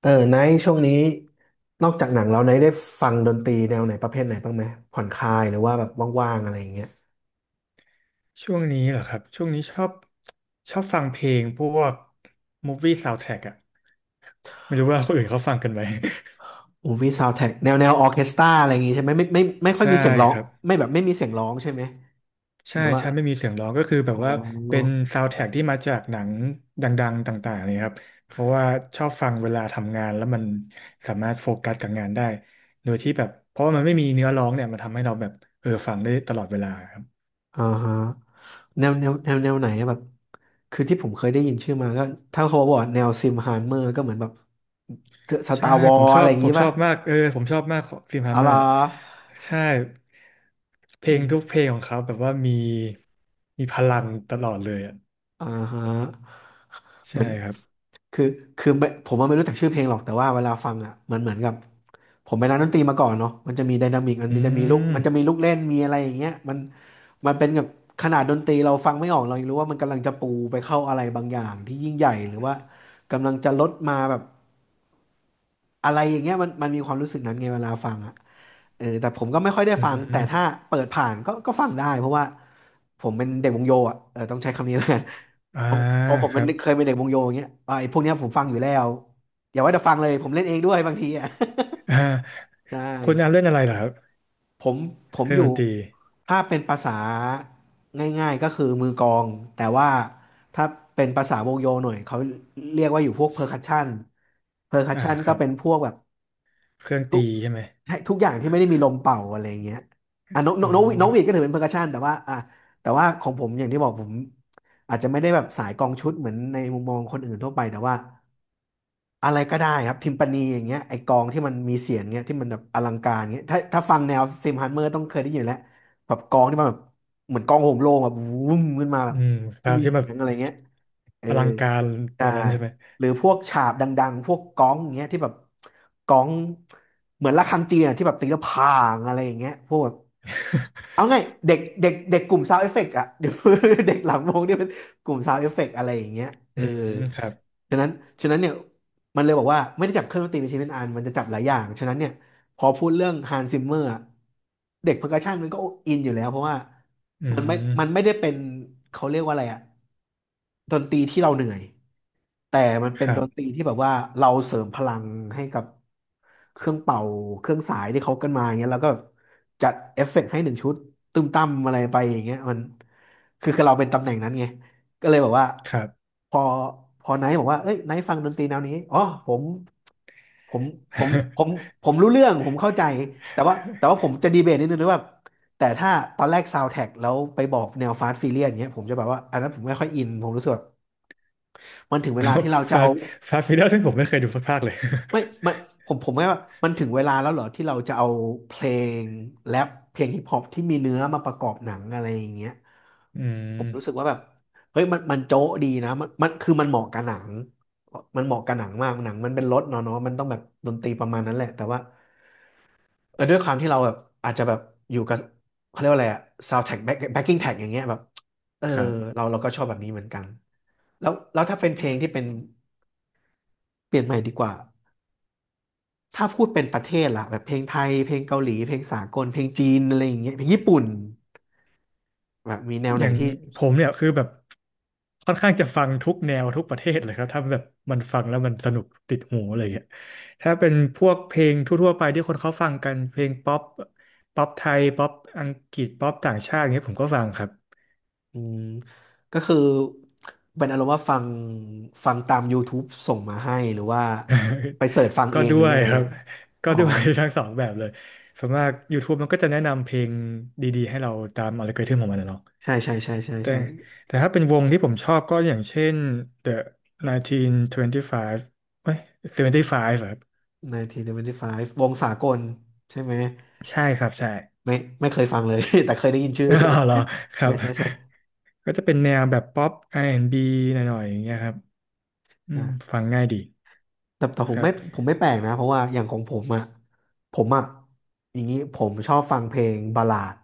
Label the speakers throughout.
Speaker 1: ไนท์ช่วงนี้นอกจากหนังแล้วไนท์ได้ฟังดนตรีแนวไหนประเภทไหนบ้างไหมผ่อนคลายหรือว่าแบบว่างๆอะไรอย่างเงี้ย
Speaker 2: ช่วงนี้เหรอครับช่วงนี้ชอบฟังเพลงพวกมูฟวี่ซาว d t ท a c k อะไม่รู้ว่าคนอื่นเขาฟังกันไหม
Speaker 1: มูฟวี่ซาวด์แทร็กแนวออร์เคสตราอะไรอย่างงี้ใช่ไหมไม่ ค่อย
Speaker 2: ใช่
Speaker 1: มีเสียงร้อ
Speaker 2: ค
Speaker 1: ง
Speaker 2: รับ
Speaker 1: ไม่แบบไม่มีเสียงร้องใช่ไหมห
Speaker 2: ใช่
Speaker 1: รือว่า
Speaker 2: ใช่ไม่มีเสียงร้องก็คือแบ
Speaker 1: อ๋
Speaker 2: บว่าเป็น
Speaker 1: อ
Speaker 2: ซาว d t ท a c k ที่มาจากหนังดังๆต่างๆเลยครับเพราะว่าชอบฟังเวลาทำงานแล้วมันสามารถโฟกัสกับงานได้โดยที่แบบเพราะว่ามันไม่มีเนื้อร้องเนี่ยมันทำให้เราแบบเออฟังได้ตลอดเวลาครับ
Speaker 1: อ่าฮะแนวไหนแบบคือที่ผมเคยได้ยินชื่อมาก็ถ้าเขาบอกว่าแนวซิมฮาร์เมอร์ก็เหมือนแบบส
Speaker 2: ใช่
Speaker 1: ตาร์วอ
Speaker 2: ผ
Speaker 1: ร
Speaker 2: มช
Speaker 1: อะ
Speaker 2: อ
Speaker 1: ไร
Speaker 2: บ
Speaker 1: อย่าง
Speaker 2: ผ
Speaker 1: งี้
Speaker 2: มชอ
Speaker 1: ป่ะ
Speaker 2: บมากเออผมชอบมากของฟิล์มฮั
Speaker 1: อะ
Speaker 2: มเม
Speaker 1: ไร
Speaker 2: อร์
Speaker 1: อ
Speaker 2: ใช่เพล
Speaker 1: อื
Speaker 2: ง
Speaker 1: ม
Speaker 2: ทุกเพลงของเขาแบบว่ามีมีพลังตลอดเลยอ่ะ
Speaker 1: อ่าฮะเหมื
Speaker 2: ใช่
Speaker 1: อน
Speaker 2: ครับ
Speaker 1: คือคือไม่ผมว่าไม่รู้จักชื่อเพลงหรอกแต่ว่าเวลาฟังอ่ะมันเหมือนกับผมไป็นนดนตรีมาก่อนเนาะมันจะมีไดนามิกมัน
Speaker 2: อื
Speaker 1: มันจะมีลูก
Speaker 2: ม
Speaker 1: เล่นมีอะไรอย่างเงี้ยมันมันเป็นกับขนาดดนตรีเราฟังไม่ออกเรายังรู้ว่ามันกำลังจะปูไปเข้าอะไรบางอย่างที่ยิ่งใหญ่หรือว่ากำลังจะลดมาแบบ อะไรอย่างเงี้ยมันมันมีความรู้สึกนั้นไงเวลาฟังอ่ะเออแต่ผมก็ไม่ค่อยได้
Speaker 2: อื
Speaker 1: ฟังแต่ถ้า
Speaker 2: ม
Speaker 1: เปิดผ่านก็ก็ฟังได้เพราะว่าผมเป็นเด็กวงโยอ่ะเออต้องใช้คำนี้แล้วกัน
Speaker 2: อ่า
Speaker 1: เพราะผม
Speaker 2: ค
Speaker 1: เป็
Speaker 2: รั
Speaker 1: น
Speaker 2: บ
Speaker 1: เคยเป็นเด็กวงโยอย่างเงี้ยอ่ะไอ้พวกเนี้ยผมฟังอยู่แล้วอย่าว่าแต่ฟังเลยผมเล่นเองด้วยบางทีอ่ะ
Speaker 2: อ่า
Speaker 1: ได้
Speaker 2: คุณอาเล่นอะไรเหรอครับ
Speaker 1: ผมผม
Speaker 2: เครื่อ
Speaker 1: อ
Speaker 2: งด
Speaker 1: ยู่
Speaker 2: นตรี
Speaker 1: ถ้าเป็นภาษาง่ายๆก็คือมือกลองแต่ว่าถ้าเป็นภาษาวงโยหน่อยเขาเรียกว่าอยู่พวกเพอร์คัชชันเพอร์คัช
Speaker 2: อ่า
Speaker 1: ชัน
Speaker 2: ค
Speaker 1: ก็
Speaker 2: รับ
Speaker 1: เป็นพวกแบบ
Speaker 2: เครื่อง
Speaker 1: ทุก
Speaker 2: ตีใช่ไหม
Speaker 1: ทุกอย่างที่ไม่ได้มีลมเป่าอะไรอย่างเงี้ยอ่ะนกน
Speaker 2: อ๋
Speaker 1: กนกหวีดนกหวีดก็
Speaker 2: อ
Speaker 1: ถือเป็นเพอร์คัชชันแต่ว่าอ่ะแต่ว่าของผมอย่างที่บอกผมอาจจะไม่ได้แบบสายกองชุดเหมือนในมุมมองคนอื่นทั่วไปแต่ว่า อะไรก็ได้ครับทิมปานีอย่างเงี้ยไอกลองที่มันมีเสียงเงี้ยที่มันแบบอลังการเงี้ยถ้าถ้าฟังแนวซิมฮันเมอร์ต้องเคยได้ยินอยู่แล้วแบบกลองที่มันแบบเหมือนกลองโหมโรงแบบวุ้มขึ้นมาแบบ
Speaker 2: อืมครั
Speaker 1: ที่
Speaker 2: บ
Speaker 1: มี
Speaker 2: ที่แบ
Speaker 1: เสี
Speaker 2: บ
Speaker 1: ยงอะไรเงี้ยเออ
Speaker 2: อลังการ
Speaker 1: ใช่
Speaker 2: วันนั้นใช่ไหม
Speaker 1: หรือพวกฉาบดังๆพวกก้องอย่างเงี้ยที่แบบก้องเหมือนระฆังจีนอะที่แบบตีแล้วพางอะไรอย่างเงี้ยพวกแบบเอา ไงเด็กเด็กเด็กกลุ่มซาวเอฟเฟกต์อะ เดี๋ยว เด็กหลังวงนี่เป็นกลุ่มซาวเอฟเฟกต์อะไรอย่างเงี้ยเอ
Speaker 2: อื
Speaker 1: อ
Speaker 2: มครับ
Speaker 1: ฉะนั้นฉะนั้นเนี่ย มันเลยบอกว่าไม่ได้จับเครื่องดนตรีเป็นชิ้นเป็นอันมันจะจับหลายอย่างฉะนั้นเนี่ยพอพูดเรื่องฮันซิมเมอร์เด็กเพอร์คัชชันมันก็อินอยู่แล้วเพราะว่า
Speaker 2: อื
Speaker 1: มันไม่มันไม่
Speaker 2: ม
Speaker 1: ได้เป็นเขาเรียกว่าอะไรอะดนตรีที่เราเหนื่อยแต่มันเป็
Speaker 2: ค
Speaker 1: นด
Speaker 2: รับ
Speaker 1: นตรีที่แบบว่าเราเสริมพลังให้กับเครื่องเป่าเครื่องสายที่เขากันมาอย่างเงี้ยแล้วก็จัดเอฟเฟกต์ให้หนึ่งชุดตึมตั้มอะไรไปอย่างเงี้ยมันคือคือเราเป็นตำแหน่งนั้นไงก็เลยบอกว่า
Speaker 2: ครับ
Speaker 1: พอพอไนท์บอกว่าเอ้ยไนท์ฟังดนตรีแนวนี้อ๋อผม ผมผมผม ผมรู้เรื่องผมเข้าใจแต่ว่าผมจะดีเบตนิดนึงด้วยว่าแต่ถ้าตอนแรกซาวด์แท c กแล้วไปบอกแนวฟาสต์ฟิเลียนเงี้ยผมจะแบบว่าอันนั้นผมไม่ค่อยอินผมรู้สึกแบบมันถึง เว
Speaker 2: อ้า
Speaker 1: ลา
Speaker 2: ว
Speaker 1: ที่เราจะ
Speaker 2: ฟา
Speaker 1: เอา
Speaker 2: สฟาสฟิลเลอร์ที่ผมไม่เคยดูสักภาคเลย
Speaker 1: ไม่มันผมผมไม่ว่ามันถึงเวลาแล้วเหรอที่เราจะเอาเพลงแรปเพลงฮิปฮอปที่มีเนื้อมาประกอบหนังอะไรอย่างเงี้ย
Speaker 2: อื
Speaker 1: ผมรู้สึ
Speaker 2: ม
Speaker 1: กว่าแบบเฮ้ยมันมันโจ๊ะดีนะมันมันคือมันเหมาะกับหนังมันเหมาะกับหนังมากหนังมันเป็นรถเนาะเนาะมันต้องแบบดนตรีประมาณนั้นแหละแต่ว่า เออด้วยความที่เราแบบอาจจะแบบอยู่กับเขาเรียกว่าอะไรอะซาวด์แท็กแบ็คแบ็คกิ้งแท็กอย่างเงี้ยแบบเออ
Speaker 2: ครับ
Speaker 1: เราก็ชอบแบบนี้เหมือนกันแล้วถ้าเป็นเพลงที่เป็นเปลี่ยนใหม่ดีกว่าถ้าพูดเป็นประเทศล่ะแบบเพลงไทยเพลงเกาหลีเพลงสากลเพลงจีนอะไรอย่างเงี้ยเพลงญี่ปุ่นแบบมีแนว
Speaker 2: อ
Speaker 1: ไหน
Speaker 2: ย่าง
Speaker 1: ที่
Speaker 2: ผมเนี่ยคือแบบค่อนข้างจะฟังทุกแนวทุกประเทศเลยครับถ้าแบบมันฟังแล้วมันสนุกติดหูอะไรอย่างเงี้ยถ้าเป็นพวกเพลงทั่วๆไปที่คนเขาฟังกันเพลงป๊อปป๊อปไทยป๊อปอังกฤษป๊อปต่างชาติอย่างเงี้ยผมก็ฟังครับ
Speaker 1: อืมก็คือเป็นอารมณ์ว่าฟังฟังตาม YouTube ส่งมาให้หรือว่าไปเสิร์ชฟัง
Speaker 2: ก็
Speaker 1: เอง
Speaker 2: ด้
Speaker 1: หรือ
Speaker 2: วย
Speaker 1: ยังไง
Speaker 2: ครับ
Speaker 1: อะ
Speaker 2: ก็
Speaker 1: อ๋อ
Speaker 2: ด้วยทั้งสองแบบเลยส่วนมาก YouTube มันก็จะแนะนำเพลงดีๆให้เราตามอัลกอริทึมของมันนะเนาะ
Speaker 1: ใช่ใช่ใช่ใช่
Speaker 2: แต่
Speaker 1: ใช่
Speaker 2: แต่ถ้าเป็นวงที่ผมชอบก็อย่างเช่น The 1925เก้ายี่สิบห้าเอ้ย75ครับ
Speaker 1: หน1975วงสากลใช่ไหม
Speaker 2: ใช่ครับใช่
Speaker 1: ไม่ไม่เคยฟังเลย แต่เคยได้ยินชื่ อ
Speaker 2: อ๋อเหรอค รั
Speaker 1: ใช่
Speaker 2: บ
Speaker 1: ใช่ใช่
Speaker 2: ก็จะเป็นแนวแบบป๊อปอาร์แอนด์บ b หน่อยๆอย่างเงี้ยครับอืม
Speaker 1: อ่า
Speaker 2: ฟังง่ายดี
Speaker 1: แต่ผ
Speaker 2: ค
Speaker 1: ม
Speaker 2: รั
Speaker 1: ไม่
Speaker 2: บ
Speaker 1: ผมไม่แปลกนะเพราะว่าอย่างของผมอ่ะผมอ่ะอย่างนี้ผมชอบฟังเพลงบัลลาด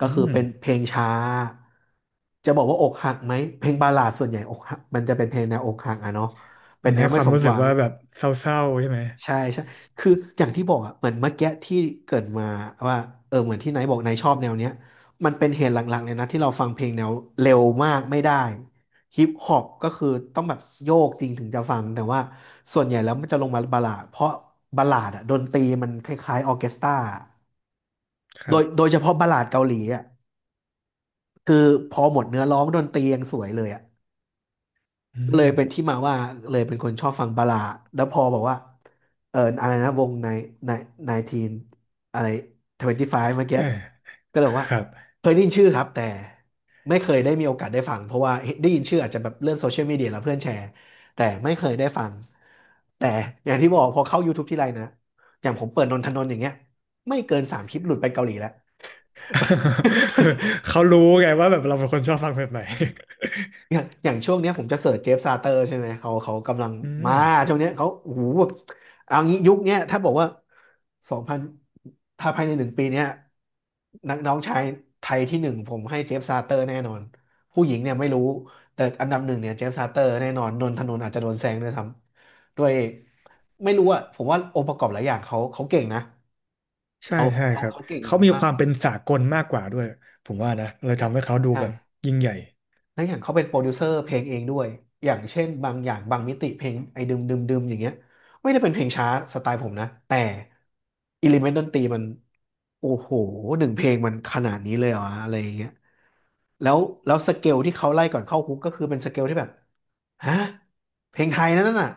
Speaker 2: อื
Speaker 1: ก็คือ
Speaker 2: ม
Speaker 1: เป็นเพลงช้าจะบอกว่าอกหักไหมเพลงบัลลาดส่วนใหญ่อกหักมันจะเป็นเพลงแนวอกหักอะเนาะเป็
Speaker 2: มั
Speaker 1: น
Speaker 2: น
Speaker 1: แน
Speaker 2: ให้
Speaker 1: ว
Speaker 2: ค
Speaker 1: ไม่
Speaker 2: วาม
Speaker 1: สม
Speaker 2: รู้
Speaker 1: ห
Speaker 2: สึก
Speaker 1: วัง
Speaker 2: ว่าแบบเศร้าๆใช่ไหม
Speaker 1: ใช่ใช่ คืออย่างที่บอกอ่ะเหมือนเมื่อกี้ที่เกริดมาว่าเออเหมือนที่ไนท์บอกไนท์ชอบแนวเนี้ยมันเป็นเหตุหลักๆเลยนะที่เราฟังเพลงแนวเร็วมากไม่ได้ฮิปฮอปก็คือต้องแบบโยกจริงถึงจะฟังแต่ว่าส่วนใหญ่แล้วมันจะลงมาบัลลาดเพราะบัลลาดอ่ะดนตรีมันคล้ายๆออร์เคสตรา
Speaker 2: ค
Speaker 1: โด
Speaker 2: รั
Speaker 1: ยโด
Speaker 2: บ
Speaker 1: ยเฉพาะบัลลาดเกาหลีอ่ะคือพอหมดเนื้อร้องดนตรียังสวยเลยอ่ะ
Speaker 2: อื
Speaker 1: เล
Speaker 2: ม
Speaker 1: ยเป็นที่มาว่าเลยเป็นคนชอบฟังบัลลาดแล้วพอบอกว่าเอออะไรนะวงในในไนทีนอะไรทเวนตี้ไฟเมื่อกี้
Speaker 2: เออ
Speaker 1: ก็เลยบอก
Speaker 2: ค
Speaker 1: ว่า
Speaker 2: รับ
Speaker 1: เคยได้ยินชื่อครับแต่ไม่เคยได้มีโอกาสได้ฟังเพราะว่าได้ยินชื่ออาจจะแบบเลื่อนโซเชียลมีเดียแล้วเพื่อนแชร์แต่ไม่เคยได้ฟังแต่อย่างที่บอกพอเข้า YouTube ที่ไรนะอย่างผมเปิดนนทนนท์อย่างเงี้ยไม่เกินสามคลิปหลุดไปเกาหลีแล้ว
Speaker 2: คือเขารู้ไงว่าแบบเราเป็นคนชอบฟังแบบไหน
Speaker 1: อย่างช่วงเนี้ยผมจะเสิร์ชเจฟซาเตอร์ใช่ไหมเขากำลัง
Speaker 2: อื
Speaker 1: มา
Speaker 2: ม
Speaker 1: ช่วงเนี้ยเขาโอ้โหแบบเอางี้ยุคเนี้ยถ้าบอกว่าสองพันถ้าภายใน 1 ปีเนี้ยนักน้องชายไทยที่หนึ่งผมให้เจฟซาเตอร์แน่นอนผู้หญิงเนี่ยไม่รู้แต่อันดับหนึ่งเนี่ยเจฟซาเตอร์แน่นอนนนทนนท์อาจจะโดนแซงด้วยซ้ำด้วยไม่รู้อะผมว่าองค์ประกอบหลายอย่างเขาเก่งนะ
Speaker 2: ใช่
Speaker 1: เขา
Speaker 2: ใช่
Speaker 1: เขาเขา
Speaker 2: ครับ
Speaker 1: เขาเก่ง
Speaker 2: เขามี
Speaker 1: มา
Speaker 2: ความ
Speaker 1: ก
Speaker 2: เป็นสากลมากกว่าด้วยผมว่านะเลยทำให้เขาดูแบบ
Speaker 1: ใช่
Speaker 2: ยิ่งใหญ่
Speaker 1: และอย่างเขาเป็นโปรดิวเซอร์เพลงเองด้วย อย่างเช่นบางอย่างบางมิติเพลงไอ้ดึมดึมดึมอย่างเงี้ยไม่ได้เป็นเพลงช้าสไตล์ผมนะแต่อิเลเมนต์ดนตรีมันโอ้โหหนึ่งเพลงมันขนาดนี้เลยเหรออะไรอย่างเงี้ยแล้วสเกลที่เขาไล่ก่อนเข้าคุกก็คือเป็นสเกลที่แบบฮะเพลงไทยนั่นน่ะ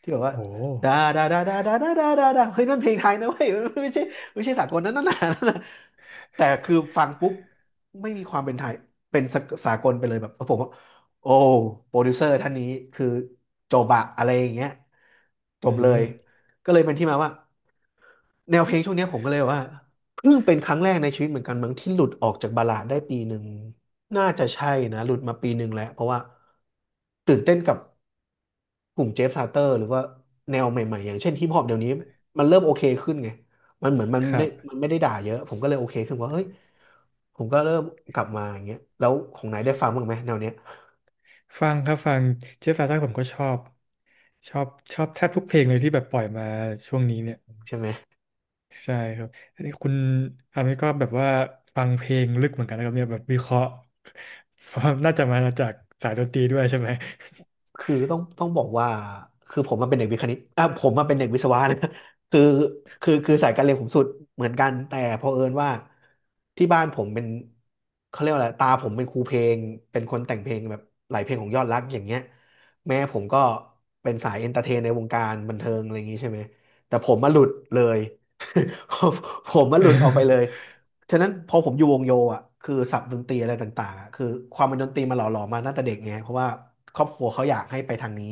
Speaker 1: ที่แบบว่า
Speaker 2: โอ้
Speaker 1: ดาดาดาดาดาดาดาดาดาเฮ้ยนั่นเพลงไทยนะเว้ยมันไม่ใช่ไม่ใช่สากลนั่น น่ะนั่นน่ะแต่คือฟังปุ๊บไม่มีความเป็นไทยเป็นสากสากลไปเลยแบบผมว่าโอ้โปรดิวเซอร์ท่านนี้คือจบอะอะไรอย่างเงี้ยจ
Speaker 2: อื
Speaker 1: บเลย
Speaker 2: ม
Speaker 1: ก็เลยเป็นที่มาว่า แนวเพลงช่วงเนี้ยผมก็เลยว่าเพิ่งเป็นครั้งแรกในชีวิตเหมือนกันมั้งที่หลุดออกจากบัลลาดได้ 1 ปี น่าจะใช่นะหลุดมา 1 ปีแล้วเพราะว่าตื่นเต้นกับ กลุ่มเจฟซาเตอร์หรือว่าแนวใหม่ๆอย่างเช่นฮิปฮอปเดี๋ยวนี้มันเริ่มโอเคขึ้นไงมันเหมือนมัน
Speaker 2: ค
Speaker 1: ไม่
Speaker 2: รั
Speaker 1: ได้
Speaker 2: บ
Speaker 1: มันไม่ได้ด่าเยอะผมก็เลยโอเคขึ้นว่าเฮ้ยผมก็เริ่มกลับมาอย่างเงี้ยแล้วของไหนายได้ฟังบ้างไหมแนวเนี้ย
Speaker 2: ฟังครับฟังเจฟฟาต่าผมก็ชอบชอบแทบทุกเพลงเลยที่แบบปล่อยมาช่วงนี้เนี่ย
Speaker 1: ใช่ไหม
Speaker 2: ใช่ครับอันนี้คุณอันนี้ก็แบบว่าฟังเพลงลึกเหมือนกันนะครับเนี่ยแบบวิเคราะห์ เพราะน่าจะมาจากสายดนตรีด้วยใช่ไหม
Speaker 1: คือต้องบอกว่าคือผมมันเป็นเด็กวิทย์คณิตอ่ะผมมันเป็นเด็กวิศวะนะ คือคือสายการเรียนผมสุดเหมือนกันแต่เผอิญว่าที่บ้านผมเป็นเขาเรียกว่าอะไรตาผมเป็นครูเพลงเป็นคนแต่งเพลงแบบหลายเพลงของยอดรักอย่างเงี้ยแม่ผมก็เป็นสายเอนเตอร์เทนในวงการบันเทิงอะไรอย่างงี้ใช่ไหมแต่ผมมาหลุดเลย ผมผมมาหลุดออกไปเลย ฉะนั้นพอผมอยู่วงโยอ่ะคือศัพท์ดนตรีอะไรต่างๆอะคือความเป็นดนตรีมาหล่อหลอมมาตั้งแต่เด็กไงเพราะว่าครอบครัวเขาอยากให้ไปทางนี้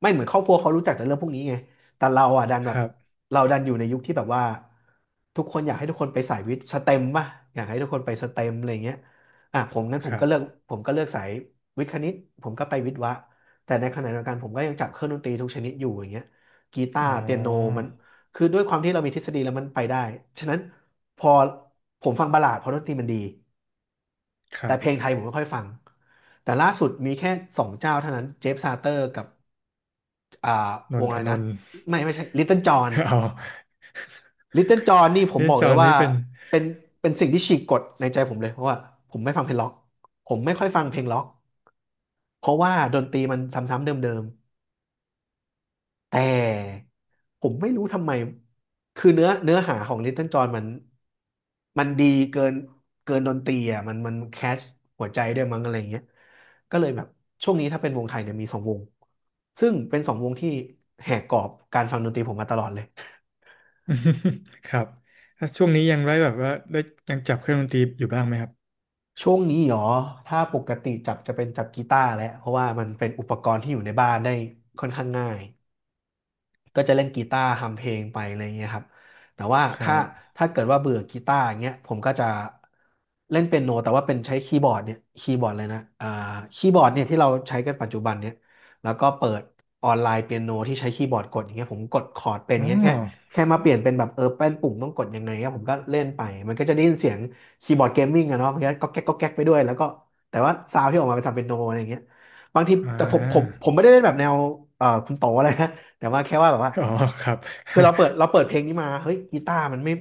Speaker 1: ไม่เหมือนครอบครัวเขารู้จักแต่เรื่องพวกนี้ไงแต่เราอ่ะดัน แบ
Speaker 2: ค
Speaker 1: บ
Speaker 2: รับ
Speaker 1: เราดันอยู่ในยุคที่แบบว่าทุกคนอยากให้ทุกคนไปสายวิทย์สเต็มป่ะอยากให้ทุกคนไปสเต็มอะไรเงี้ยอ่ะผมงั้นผ
Speaker 2: ค
Speaker 1: ม
Speaker 2: รั
Speaker 1: ก็เลือก
Speaker 2: บ
Speaker 1: ผมก็เลือกสายวิทย์คณิตผมก็ไปวิทย์วะแต่ในขณะเดียวกันผมก็ยังจับเครื่องดนตรีทุกชนิดอยู่อย่างเงี้ยกีตา
Speaker 2: อ๋
Speaker 1: ร์เปียโน
Speaker 2: อ
Speaker 1: มัน คือด้วยความที่เรามีทฤษฎีแล้วมันไปได้ ฉะนั้นพอผมฟังบัลลาดเพราะดนตรีมันดี
Speaker 2: ครั
Speaker 1: แต่
Speaker 2: บ
Speaker 1: เพลงไทยผมไม่ค่อยฟังแต่ล่าสุดมีแค่สองเจ้าเท่านั้นเจฟซาเตอร์กับอ่า
Speaker 2: น
Speaker 1: ว
Speaker 2: น
Speaker 1: ง
Speaker 2: ท
Speaker 1: อะไร
Speaker 2: น
Speaker 1: นะ
Speaker 2: นท์
Speaker 1: ไม่ใช่ลิตเติ้ลจอห์น
Speaker 2: อ๋อ
Speaker 1: ลิตเติ้ลจอห์นนี่ผม
Speaker 2: เฮ้ย
Speaker 1: บอก
Speaker 2: จ
Speaker 1: เล
Speaker 2: อ์
Speaker 1: ย
Speaker 2: น
Speaker 1: ว่า
Speaker 2: นี่เป็น
Speaker 1: เป็นเป็นสิ่งที่ฉีกกฎในใจผมเลยเพราะว่าผมไม่ฟังเพลงล็อกผมไม่ค่อยฟังเพลงล็อกเพราะว่าดนตรีมันซ้ำๆเดิม แต่ผมไม่รู้ทำไมคือเนื้อหาของ Little John มันดีเกินเกินดนตรีอ่ะมันแคชหัวใจด้วยมั้งอะไรเงี้ยก็เลยแบบช่วงนี้ถ้าเป็นวงไทยเนี่ยมีสองวงซึ่งเป็นสองวงที่แหกกรอบการฟังดนตรีผมมาตลอดเลย
Speaker 2: ครับแล้วช่วงนี้ยังได้แบบว่าได้ยังจับเครื่องดนตรีอยู่บ้างไหมครับ
Speaker 1: ช่วงนี้หรอถ้าปกติจับจะเป็นจับกีตาร์แหละเพราะว่ามันเป็นอุปกรณ์ที่อยู่ในบ้านได้ค่อนข้างง่าย ก็จะเล่นกีตาร์ทำเพลงไปอะไรเงี้ยครับแต่ว่า
Speaker 2: ครั
Speaker 1: ถ้า
Speaker 2: บ
Speaker 1: ถ้าเกิดว่าเบื่อกีตาร์อย่างเงี้ยผมก็จะเล่นเปียโนแต่ว่าเป็นใช้คีย์บอร์ดเนี่ยคีย์บอร์ดเลยนะคีย์บอร์ดเนี่ยที่เราใช้กันปัจจุบันเนี่ยแล้วก็เปิดออนไลน์เปียโนที่ใช้คีย์บอร์ดกดอย่างเงี้ยผมกดคอร์ดเป็นอ
Speaker 2: อ๋
Speaker 1: ย่าง
Speaker 2: อ
Speaker 1: เงี้ยแค่มาเปลี่ยนเป็นแบบเป็นปุ่มต้องกดยังไงครับผมก็เล่นไปมันก็จะได้ยินเสียงคีย์บอร์ดเกมมิ่งอะเนาะมันก็แก๊กก็แก๊กไปด้วยแล้วก็แต่ว่าซาวด์ที่ออกมาเป็นซาวด์เปียโนอะไรอย่างเงี้ยบางที
Speaker 2: อ่
Speaker 1: แต่ผมผม
Speaker 2: า
Speaker 1: ผมไม่ได้เล่นแบบแนวคุณโตอะไรนะ แต่ว่าแค่ว่าแบบว่า
Speaker 2: อ๋อครับ
Speaker 1: คือเราเปิดเพลงนี้มาเฮ้ย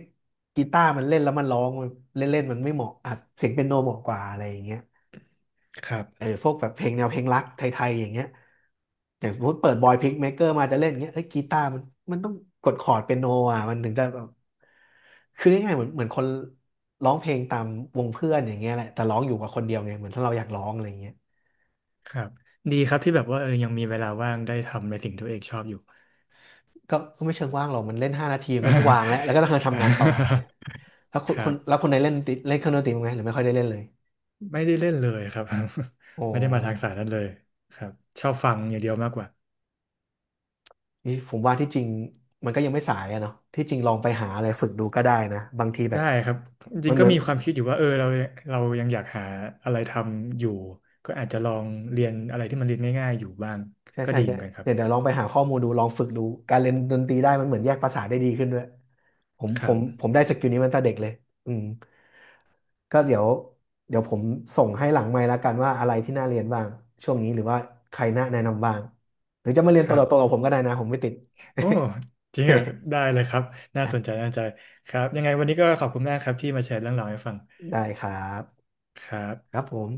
Speaker 1: กีตาร์มันเล่นแล้วมันร้องมันเล่นเล่นมันไม่เหมาะอัดเสียงเปียโนเหมาะกว่าอะไรอย่างเงี้ย
Speaker 2: ครับ
Speaker 1: เออพวกแบบเพลงแนวเพลงรักไทยๆอย่างเงี้ยอย่างสมมติเปิดบอยพิกเมเกอร์มาจะเล่นอย่างเงี้ยเฮ้ยกีตาร์มันต้องกดคอร์ดเปียโนอ่ะมันถึงจะแบบคือง่ายๆเหมือนคนร้องเพลงตามวงเพื่อนอย่างเงี้ยแหละแต่ร้องอยู่กับคนเดียวไงเหมือนถ้าเราอยากร้องอะไรอย่างเงี้ย
Speaker 2: ครับดีครับที่แบบว่าเออยังมีเวลาว่างได้ทำในสิ่งที่ตัวเองชอบอยู่
Speaker 1: ก็ไม่เชิงว่างหรอกมันเล่น5 นาทีมันก็ต้องวางแล้วแล้วก็ต้องทำงานต่ออย่างเงี้ยแล้วค
Speaker 2: ค
Speaker 1: นค
Speaker 2: รั
Speaker 1: นแล้ว
Speaker 2: บ
Speaker 1: คนไหนเล่นเครื่องดนตรีมั้างไหมหรือไม่ค่อยได้เล่นเลย
Speaker 2: ไม่ได้เล่นเลยครับ
Speaker 1: โอ
Speaker 2: ไม่ได้มาทาง
Speaker 1: ้
Speaker 2: สายนั้นเลยครับชอบฟังอย่างเดียวมากกว่า
Speaker 1: นี่ผมว่าที่จริงมันก็ยังไม่สายอะเนาะที่จริงลองไปหาอะไรฝึกดูก็ได้นะบางทีแบ
Speaker 2: ได้
Speaker 1: บ
Speaker 2: ครับจ
Speaker 1: มั
Speaker 2: ริ
Speaker 1: น
Speaker 2: งๆ
Speaker 1: เห
Speaker 2: ก็
Speaker 1: มือน
Speaker 2: มีความคิดอยู่ว่าเออเราเรายังอยากหาอะไรทำอยู่ก็อาจจะลองเรียนอะไรที่มันเรียนง่ายๆอยู่บ้าง
Speaker 1: ใช่
Speaker 2: ก็
Speaker 1: ใช่
Speaker 2: ดีเห
Speaker 1: เนี่
Speaker 2: มือ
Speaker 1: ย
Speaker 2: นกันครับ
Speaker 1: เดี๋ยวลองไปหาข้อมูลดูลองฝึกดูการเล่นดนตรีได้มันเหมือนแยกภาษาทได้ดีขึ้นด้วยผม
Speaker 2: ค
Speaker 1: ผ
Speaker 2: รั
Speaker 1: ม
Speaker 2: บ
Speaker 1: ผมได้สกิลนี้มาตั้งแต่เด็กเลยอืม ก็เดี๋ยวผมส่งให้หลังไมค์แล้วกันว่าอะไรที่น่าเรียนบ้างช่วงนี้หรือว่าใครน่าแนะนำบ้างหรือจะมาเรียน
Speaker 2: ค
Speaker 1: ตัว
Speaker 2: รั
Speaker 1: ต่อตัวกับ
Speaker 2: บ
Speaker 1: ผมก็ได้นะผมไม่ติด
Speaker 2: โอ้จริงเหรอได้เลยครับน่าสนใจน่าสนใจครับยังไงวันนี้ก็ขอบคุณมากครับที่มาแชร์เรื่องราวให้ฟัง
Speaker 1: ได้ครับ
Speaker 2: ครั
Speaker 1: ค
Speaker 2: บ
Speaker 1: รับผม